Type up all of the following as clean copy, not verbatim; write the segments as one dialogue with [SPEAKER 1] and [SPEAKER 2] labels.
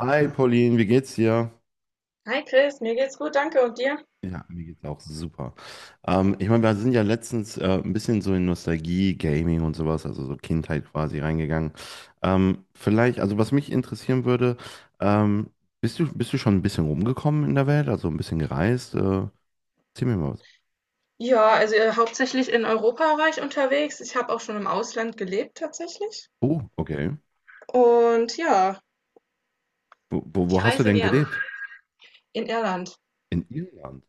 [SPEAKER 1] Hi Pauline, wie geht's dir?
[SPEAKER 2] Hi Chris, mir geht's gut, danke. Und dir?
[SPEAKER 1] Ja, mir geht's auch super. Ich meine, wir sind ja letztens ein bisschen so in Nostalgie, Gaming und sowas, also so Kindheit quasi reingegangen. Vielleicht, also was mich interessieren würde, ähm, bist du schon ein bisschen rumgekommen in der Welt, also ein bisschen gereist? Erzähl mir mal was.
[SPEAKER 2] Ja, also hauptsächlich in Europa war ich unterwegs. Ich habe auch schon im Ausland gelebt tatsächlich.
[SPEAKER 1] Oh, okay.
[SPEAKER 2] Und ja,
[SPEAKER 1] Wo, wo,
[SPEAKER 2] ich
[SPEAKER 1] wo hast du
[SPEAKER 2] reise
[SPEAKER 1] denn
[SPEAKER 2] gerne.
[SPEAKER 1] gelebt?
[SPEAKER 2] In Irland.
[SPEAKER 1] In Irland.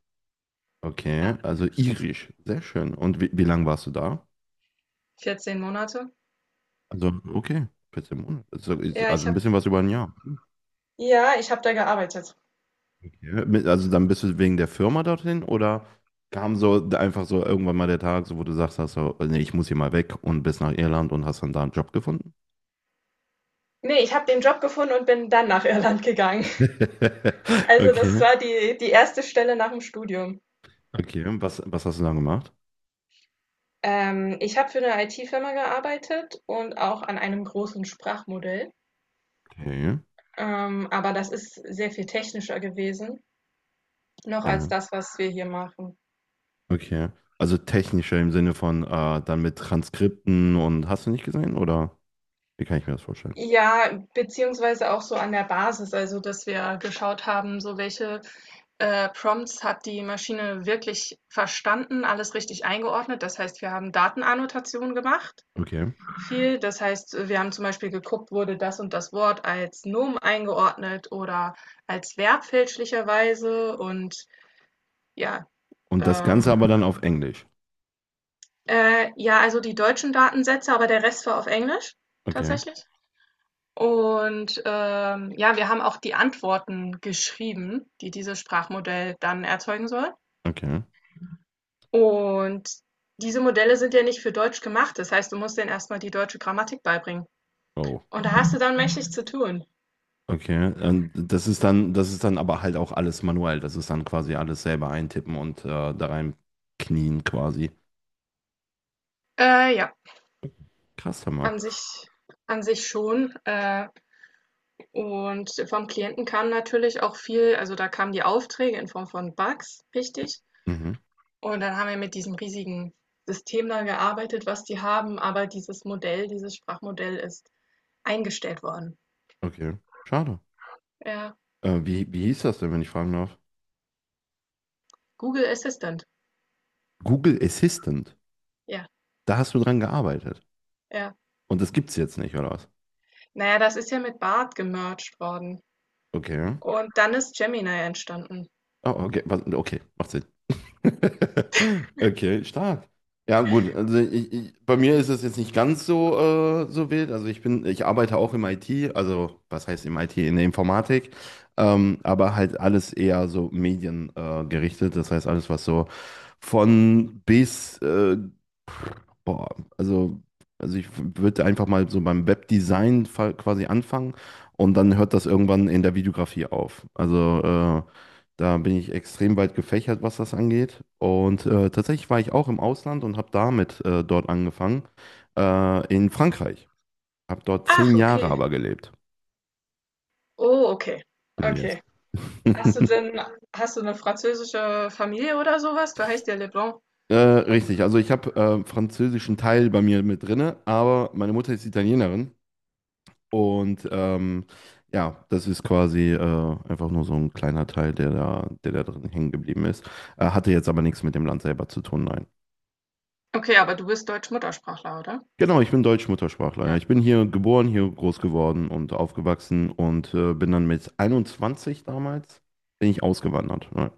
[SPEAKER 2] Ja,
[SPEAKER 1] Okay, also irisch, sehr schön. Und wie lange warst du da?
[SPEAKER 2] 14 Monate.
[SPEAKER 1] Also, okay, 14 Monate. Also,
[SPEAKER 2] Ja, ich
[SPEAKER 1] also ein
[SPEAKER 2] habe
[SPEAKER 1] bisschen was über ein Jahr.
[SPEAKER 2] ja, ich habe da gearbeitet.
[SPEAKER 1] Ja, Also dann bist du wegen der Firma dorthin oder kam so einfach so irgendwann mal der Tag, so wo du sagst, hast so, nee, ich muss hier mal weg und bist nach Irland und hast dann da einen Job gefunden?
[SPEAKER 2] Nee, ich habe den Job gefunden und bin dann nach Irland gegangen. Also das
[SPEAKER 1] Okay,
[SPEAKER 2] war die erste Stelle nach dem Studium.
[SPEAKER 1] okay. Was hast du dann gemacht?
[SPEAKER 2] Ich habe für eine IT-Firma gearbeitet und auch an einem großen Sprachmodell.
[SPEAKER 1] Okay,
[SPEAKER 2] Aber das ist sehr viel technischer gewesen. Noch als
[SPEAKER 1] ja,
[SPEAKER 2] das, was wir hier machen.
[SPEAKER 1] okay. Also technischer im Sinne von dann mit Transkripten und hast du nicht gesehen oder wie kann ich mir das vorstellen?
[SPEAKER 2] Ja, beziehungsweise auch so an der Basis, also dass wir geschaut haben, so welche Prompts hat die Maschine wirklich verstanden, alles richtig eingeordnet. Das heißt, wir haben Datenannotationen gemacht,
[SPEAKER 1] Okay.
[SPEAKER 2] viel. Das heißt, wir haben zum Beispiel geguckt, wurde das und das Wort als Nomen eingeordnet oder als Verb fälschlicherweise ja,
[SPEAKER 1] Und das Ganze
[SPEAKER 2] ähm,
[SPEAKER 1] aber dann auf Englisch.
[SPEAKER 2] ja, also die deutschen Datensätze, aber der Rest war auf Englisch
[SPEAKER 1] Okay,
[SPEAKER 2] tatsächlich. Und, ja, wir haben auch die Antworten geschrieben, die dieses Sprachmodell dann erzeugen soll.
[SPEAKER 1] okay.
[SPEAKER 2] Und diese Modelle sind ja nicht für Deutsch gemacht. Das heißt, du musst denen erst mal die deutsche Grammatik beibringen.
[SPEAKER 1] Oh,
[SPEAKER 2] Und da hast
[SPEAKER 1] okay.
[SPEAKER 2] du dann mächtig zu tun.
[SPEAKER 1] Okay, und das ist dann aber halt auch alles manuell. Das ist dann quasi alles selber eintippen und da rein knien quasi.
[SPEAKER 2] Ja,
[SPEAKER 1] Krass, Hammer.
[SPEAKER 2] an sich an sich schon. Und vom Klienten kam natürlich auch viel, also da kamen die Aufträge in Form von Bugs, richtig.
[SPEAKER 1] Mhm.
[SPEAKER 2] Und dann haben wir mit diesem riesigen System da gearbeitet, was die haben. Aber dieses Modell, dieses Sprachmodell ist eingestellt worden.
[SPEAKER 1] Okay, schade.
[SPEAKER 2] Ja.
[SPEAKER 1] Wie hieß das denn, wenn ich fragen darf?
[SPEAKER 2] Google Assistant.
[SPEAKER 1] Google Assistant.
[SPEAKER 2] Ja,
[SPEAKER 1] Da hast du dran gearbeitet.
[SPEAKER 2] ja.
[SPEAKER 1] Und das gibt's jetzt nicht, oder was?
[SPEAKER 2] Naja, das ist ja mit Bard gemerged worden
[SPEAKER 1] Okay.
[SPEAKER 2] und dann ist Gemini entstanden.
[SPEAKER 1] Oh, okay, okay, macht Sinn. Okay, stark. Ja, gut. Also ich, bei mir ist es jetzt nicht ganz so, so wild. Also ich arbeite auch im IT, also was heißt im IT, in der Informatik, aber halt alles eher so mediengerichtet. Gerichtet. Das heißt alles, was so von bis Boah, also, also ich würde einfach mal so beim Webdesign quasi anfangen und dann hört das irgendwann in der Videografie auf. Also äh, da bin ich extrem weit gefächert, was das angeht. Und tatsächlich war ich auch im Ausland und habe damit dort angefangen, in Frankreich. Habe dort
[SPEAKER 2] Ach,
[SPEAKER 1] 10 Jahre
[SPEAKER 2] okay.
[SPEAKER 1] aber gelebt.
[SPEAKER 2] Oh, okay.
[SPEAKER 1] Yes.
[SPEAKER 2] Okay. Hast du denn hast du eine französische Familie oder sowas? Du heißt ja Leblanc.
[SPEAKER 1] Richtig, also ich habe französischen Teil bei mir mit drinne, aber meine Mutter ist Italienerin. Und ja, das ist quasi einfach nur so ein kleiner Teil, der da drin hängen geblieben ist. Hatte jetzt aber nichts mit dem Land selber zu tun, nein.
[SPEAKER 2] Okay, aber du bist Deutsch-Muttersprachler, oder?
[SPEAKER 1] Genau, ich bin Deutsch-Muttersprachler, ja.
[SPEAKER 2] Ja.
[SPEAKER 1] Ich bin hier geboren, hier groß geworden und aufgewachsen und bin dann mit 21 damals, bin ich ausgewandert. Ja,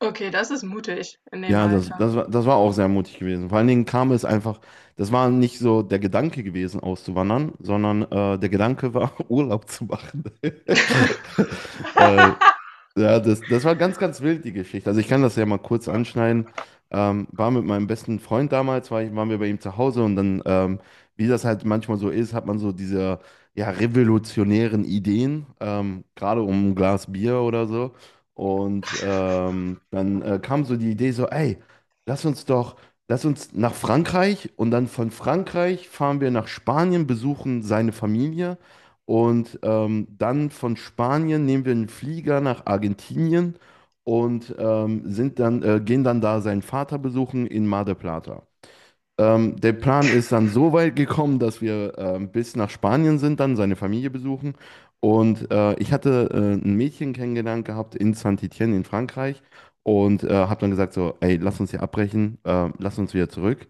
[SPEAKER 2] Okay, das ist mutig in dem Alter.
[SPEAKER 1] das war auch sehr mutig gewesen. Vor allen Dingen kam es einfach, das war nicht so der Gedanke gewesen, auszuwandern, sondern der Gedanke war, Urlaub zu machen. äh, Ja, das war ganz wild, die Geschichte. Also ich kann das ja mal kurz anschneiden. War mit meinem besten Freund damals, waren wir bei ihm zu Hause und dann, wie das halt manchmal so ist, hat man so diese ja, revolutionären Ideen, gerade um ein Glas Bier oder so. Und dann kam so die Idee so, ey, lass uns doch, lass uns nach Frankreich und dann von Frankreich fahren wir nach Spanien, besuchen seine Familie. Und dann von Spanien nehmen wir einen Flieger nach Argentinien und gehen dann da seinen Vater besuchen in Mar del Plata. Der Plan ist dann so weit gekommen, dass wir bis nach Spanien sind, dann seine Familie besuchen. Und ich hatte ein Mädchen kennengelernt gehabt in Saint-Étienne in Frankreich und habe dann gesagt so, ey, lass uns hier abbrechen, lass uns wieder zurück.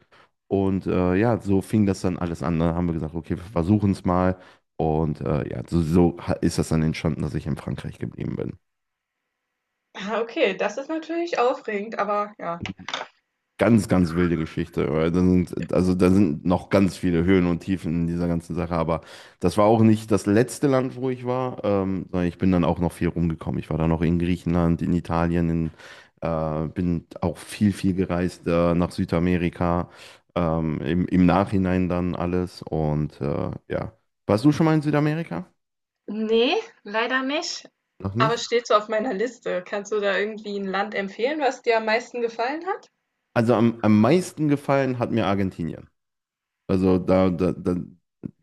[SPEAKER 1] Und ja, so fing das dann alles an. Dann haben wir gesagt, okay, wir versuchen es mal. Und ja, so ist das dann entstanden, dass ich in Frankreich geblieben bin.
[SPEAKER 2] Ah, okay, das ist natürlich aufregend, aber ja.
[SPEAKER 1] Ganz wilde Geschichte, weil da sind, also da sind noch ganz viele Höhen und Tiefen in dieser ganzen Sache, aber das war auch nicht das letzte Land, wo ich war, sondern ich bin dann auch noch viel rumgekommen. Ich war dann noch in Griechenland, in Italien, bin auch viel gereist nach Südamerika, im Nachhinein dann alles und ja. Warst du schon mal in Südamerika?
[SPEAKER 2] Nee, leider nicht.
[SPEAKER 1] Noch
[SPEAKER 2] Aber
[SPEAKER 1] nicht?
[SPEAKER 2] steht so auf meiner Liste. Kannst du da irgendwie ein Land empfehlen, was dir am meisten gefallen hat?
[SPEAKER 1] Also am meisten gefallen hat mir Argentinien. Also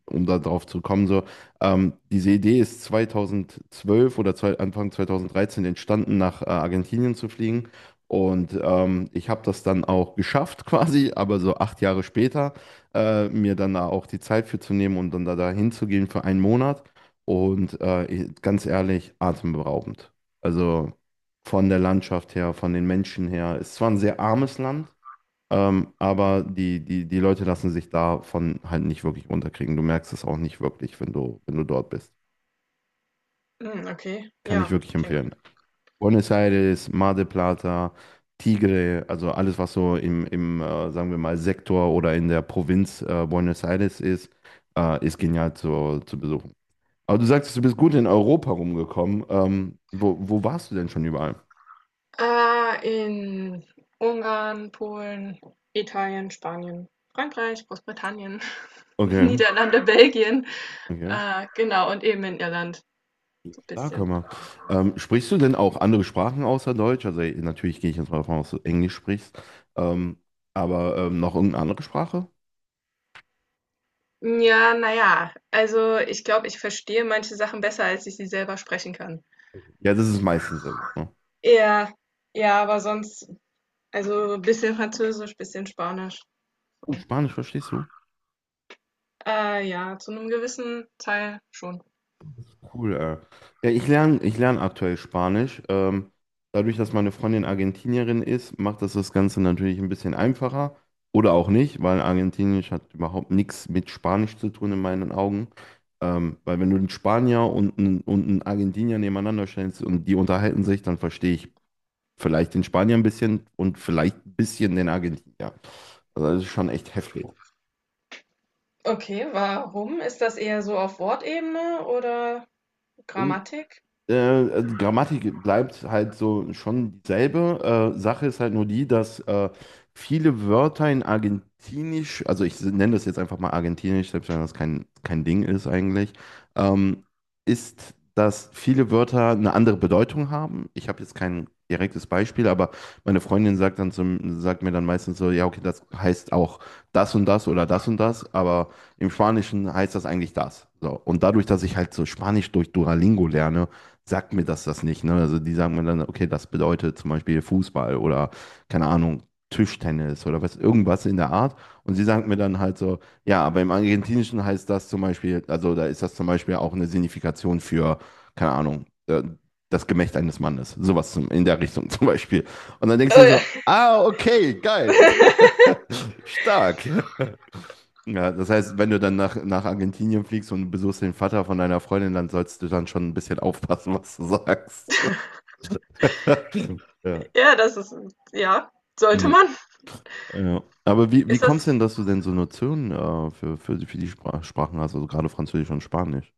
[SPEAKER 1] um da drauf zu kommen, so, diese Idee ist 2012 oder zwei, Anfang 2013 entstanden, nach Argentinien zu fliegen. Und ich habe das dann auch geschafft quasi, aber so 8 Jahre später, mir dann da auch die Zeit für zu nehmen und dann da hinzugehen für einen Monat. Und ganz ehrlich, atemberaubend. Also von der Landschaft her, von den Menschen her. Es war ein sehr armes Land, aber die Leute lassen sich davon halt nicht wirklich runterkriegen. Du merkst es auch nicht wirklich, wenn du, wenn du dort bist.
[SPEAKER 2] Hm, okay,
[SPEAKER 1] Kann ich
[SPEAKER 2] ja,
[SPEAKER 1] wirklich
[SPEAKER 2] klingt
[SPEAKER 1] empfehlen.
[SPEAKER 2] gut.
[SPEAKER 1] Buenos Aires, Mar del Plata, Tigre, also alles, was so im sagen wir mal, Sektor oder in der Provinz Buenos Aires ist, ist genial zu besuchen. Aber du sagtest, du bist gut in Europa rumgekommen. Wo warst du denn schon überall?
[SPEAKER 2] In Ungarn, Polen, Italien, Spanien, Frankreich, Großbritannien,
[SPEAKER 1] Okay,
[SPEAKER 2] Niederlande, Belgien,
[SPEAKER 1] okay.
[SPEAKER 2] genau, und eben in Irland, so ein
[SPEAKER 1] Klar kann
[SPEAKER 2] bisschen.
[SPEAKER 1] man. Sprichst du denn auch andere Sprachen außer Deutsch? Also natürlich gehe ich jetzt mal davon aus, dass du Englisch sprichst. Ähm, aber noch irgendeine andere Sprache?
[SPEAKER 2] Ja, naja, also ich glaube, ich verstehe manche Sachen besser, als ich sie selber sprechen kann.
[SPEAKER 1] Ja, das ist meistens ja so, ne?
[SPEAKER 2] Ja, ja, aber sonst, also ein bisschen Französisch, bisschen Spanisch.
[SPEAKER 1] Oh,
[SPEAKER 2] So.
[SPEAKER 1] Spanisch verstehst du?
[SPEAKER 2] Ja, zu einem gewissen Teil schon.
[SPEAKER 1] Cool, Ja, ich lerne aktuell Spanisch. Dadurch, dass meine Freundin Argentinierin ist, macht das das Ganze natürlich ein bisschen einfacher. Oder auch nicht, weil Argentinisch hat überhaupt nichts mit Spanisch zu tun in meinen Augen. Weil wenn du einen Spanier und und einen Argentinier nebeneinander stellst und die unterhalten sich, dann verstehe ich vielleicht den Spanier ein bisschen und vielleicht ein bisschen den Argentinier. Also das ist schon echt heftig.
[SPEAKER 2] Okay, warum? Ist das eher so auf Wortebene oder Grammatik?
[SPEAKER 1] Also Grammatik bleibt halt so schon dieselbe. Sache ist halt nur die, dass viele Wörter in Argentinisch, also ich nenne das jetzt einfach mal Argentinisch, selbst wenn das kein Ding ist eigentlich, ähm, ist, dass viele Wörter eine andere Bedeutung haben. Ich habe jetzt kein direktes Beispiel, aber meine Freundin sagt dann sagt mir dann meistens so, ja, okay, das heißt auch das und das oder das und das, aber im Spanischen heißt das eigentlich das. So. Und dadurch, dass ich halt so Spanisch durch Duolingo lerne, sagt mir das das nicht. Ne? Also die sagen mir dann, okay, das bedeutet zum Beispiel Fußball oder keine Ahnung, Tischtennis oder was, irgendwas in der Art. Und sie sagen mir dann halt so, ja, aber im Argentinischen heißt das zum Beispiel, also da ist das zum Beispiel auch eine Signifikation für, keine Ahnung, das Gemächt eines Mannes. Sowas in der Richtung zum Beispiel. Und dann denkst du dir so,
[SPEAKER 2] Äh,
[SPEAKER 1] ah, okay, geil. Stark. Ja, das heißt, wenn du dann nach Argentinien fliegst und besuchst den Vater von deiner Freundin, dann sollst du dann schon ein bisschen aufpassen, was du sagst. Ja.
[SPEAKER 2] ja, das ist, ja, sollte
[SPEAKER 1] Ja.
[SPEAKER 2] man.
[SPEAKER 1] Ja. Aber wie
[SPEAKER 2] Ist das,
[SPEAKER 1] kommst du denn, dass du denn so Notionen für die Sprachen hast, also gerade Französisch und Spanisch?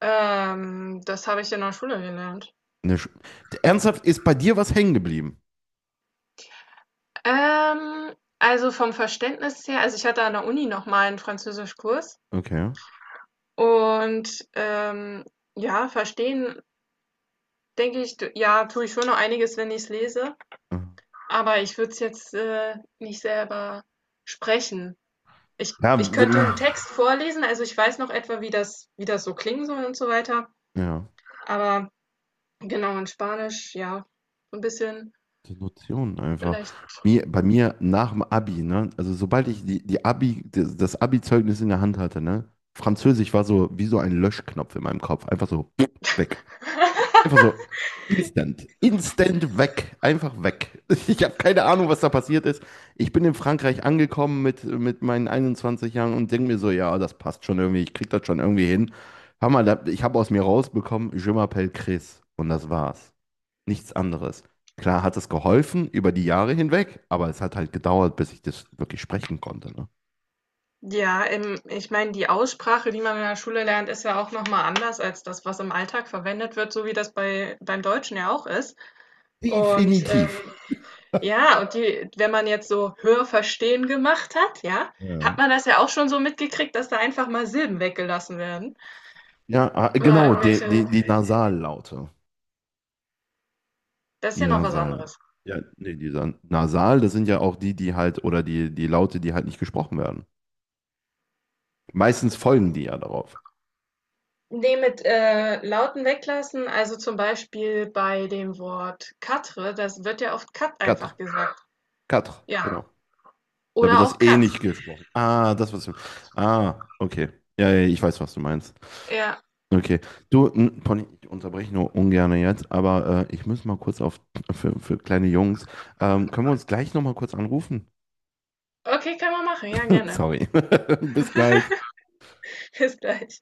[SPEAKER 2] Das habe ich in der Schule gelernt.
[SPEAKER 1] Ne, Sch- Ernsthaft, ist bei dir was hängen geblieben?
[SPEAKER 2] Also vom Verständnis her, also ich hatte an der Uni nochmal einen Französischkurs
[SPEAKER 1] Okay.
[SPEAKER 2] und ja, verstehen, denke ich, ja, tue ich schon noch einiges, wenn ich es lese. Aber ich würde es jetzt, nicht selber sprechen. Ich
[SPEAKER 1] Ja,
[SPEAKER 2] ich könnte einen Text vorlesen, also ich weiß noch etwa, wie das so klingen soll und so weiter.
[SPEAKER 1] ja.
[SPEAKER 2] Aber genau, in Spanisch, ja, so 'n bisschen
[SPEAKER 1] Die Notionen einfach.
[SPEAKER 2] vielleicht.
[SPEAKER 1] Bei mir nach dem Abi, ne? Also sobald ich das Abi-Zeugnis in der Hand hatte, ne? Französisch war so wie so ein Löschknopf in meinem Kopf. Einfach so weg. Einfach so instant. Instant weg. Einfach weg. Ich habe keine Ahnung, was da passiert ist. Ich bin in Frankreich angekommen mit meinen 21 Jahren und denke mir so, ja, das passt schon irgendwie. Ich krieg das schon irgendwie hin. Hör mal, ich habe aus mir rausbekommen, Je m'appelle Chris. Und das war's nichts anderes. Klar hat es geholfen über die Jahre hinweg, aber es hat halt gedauert, bis ich das wirklich sprechen konnte. Ne?
[SPEAKER 2] Ja, ich meine, die Aussprache, die man in der Schule lernt, ist ja auch noch mal anders als das, was im Alltag verwendet wird, so wie das beim Deutschen ja auch ist. Und, ähm
[SPEAKER 1] Definitiv.
[SPEAKER 2] Ja, und die, wenn man jetzt so Hörverstehen gemacht hat, ja,
[SPEAKER 1] Ja.
[SPEAKER 2] hat man das ja auch schon so mitgekriegt, dass da einfach mal Silben weggelassen werden
[SPEAKER 1] Ja, ah,
[SPEAKER 2] oder
[SPEAKER 1] genau,
[SPEAKER 2] irgendwelche,
[SPEAKER 1] die Nasallaute.
[SPEAKER 2] das ist
[SPEAKER 1] Die
[SPEAKER 2] ja noch was
[SPEAKER 1] Nasal.
[SPEAKER 2] anderes.
[SPEAKER 1] Ja, nee, dieser Nasal, das sind ja auch die halt, oder die Laute, die halt nicht gesprochen werden. Meistens folgen die ja darauf.
[SPEAKER 2] Ne, mit, Lauten weglassen, also zum Beispiel bei dem Wort Katre, das wird ja oft Kat einfach
[SPEAKER 1] Katr,
[SPEAKER 2] gesagt.
[SPEAKER 1] Katr,
[SPEAKER 2] Ja,
[SPEAKER 1] genau. Da wird
[SPEAKER 2] oder auch
[SPEAKER 1] das eh
[SPEAKER 2] Kat.
[SPEAKER 1] nicht gesprochen. Ah, das, was du. Ah, okay. Ja, ja, ich weiß, was du meinst.
[SPEAKER 2] Ja,
[SPEAKER 1] Okay. Du, Pony, ich unterbreche nur ungern jetzt, aber ich muss mal kurz auf für kleine Jungs. Können wir uns gleich nochmal kurz anrufen?
[SPEAKER 2] okay, kann man machen. Ja, gerne.
[SPEAKER 1] Sorry. Bis gleich.
[SPEAKER 2] Bis gleich.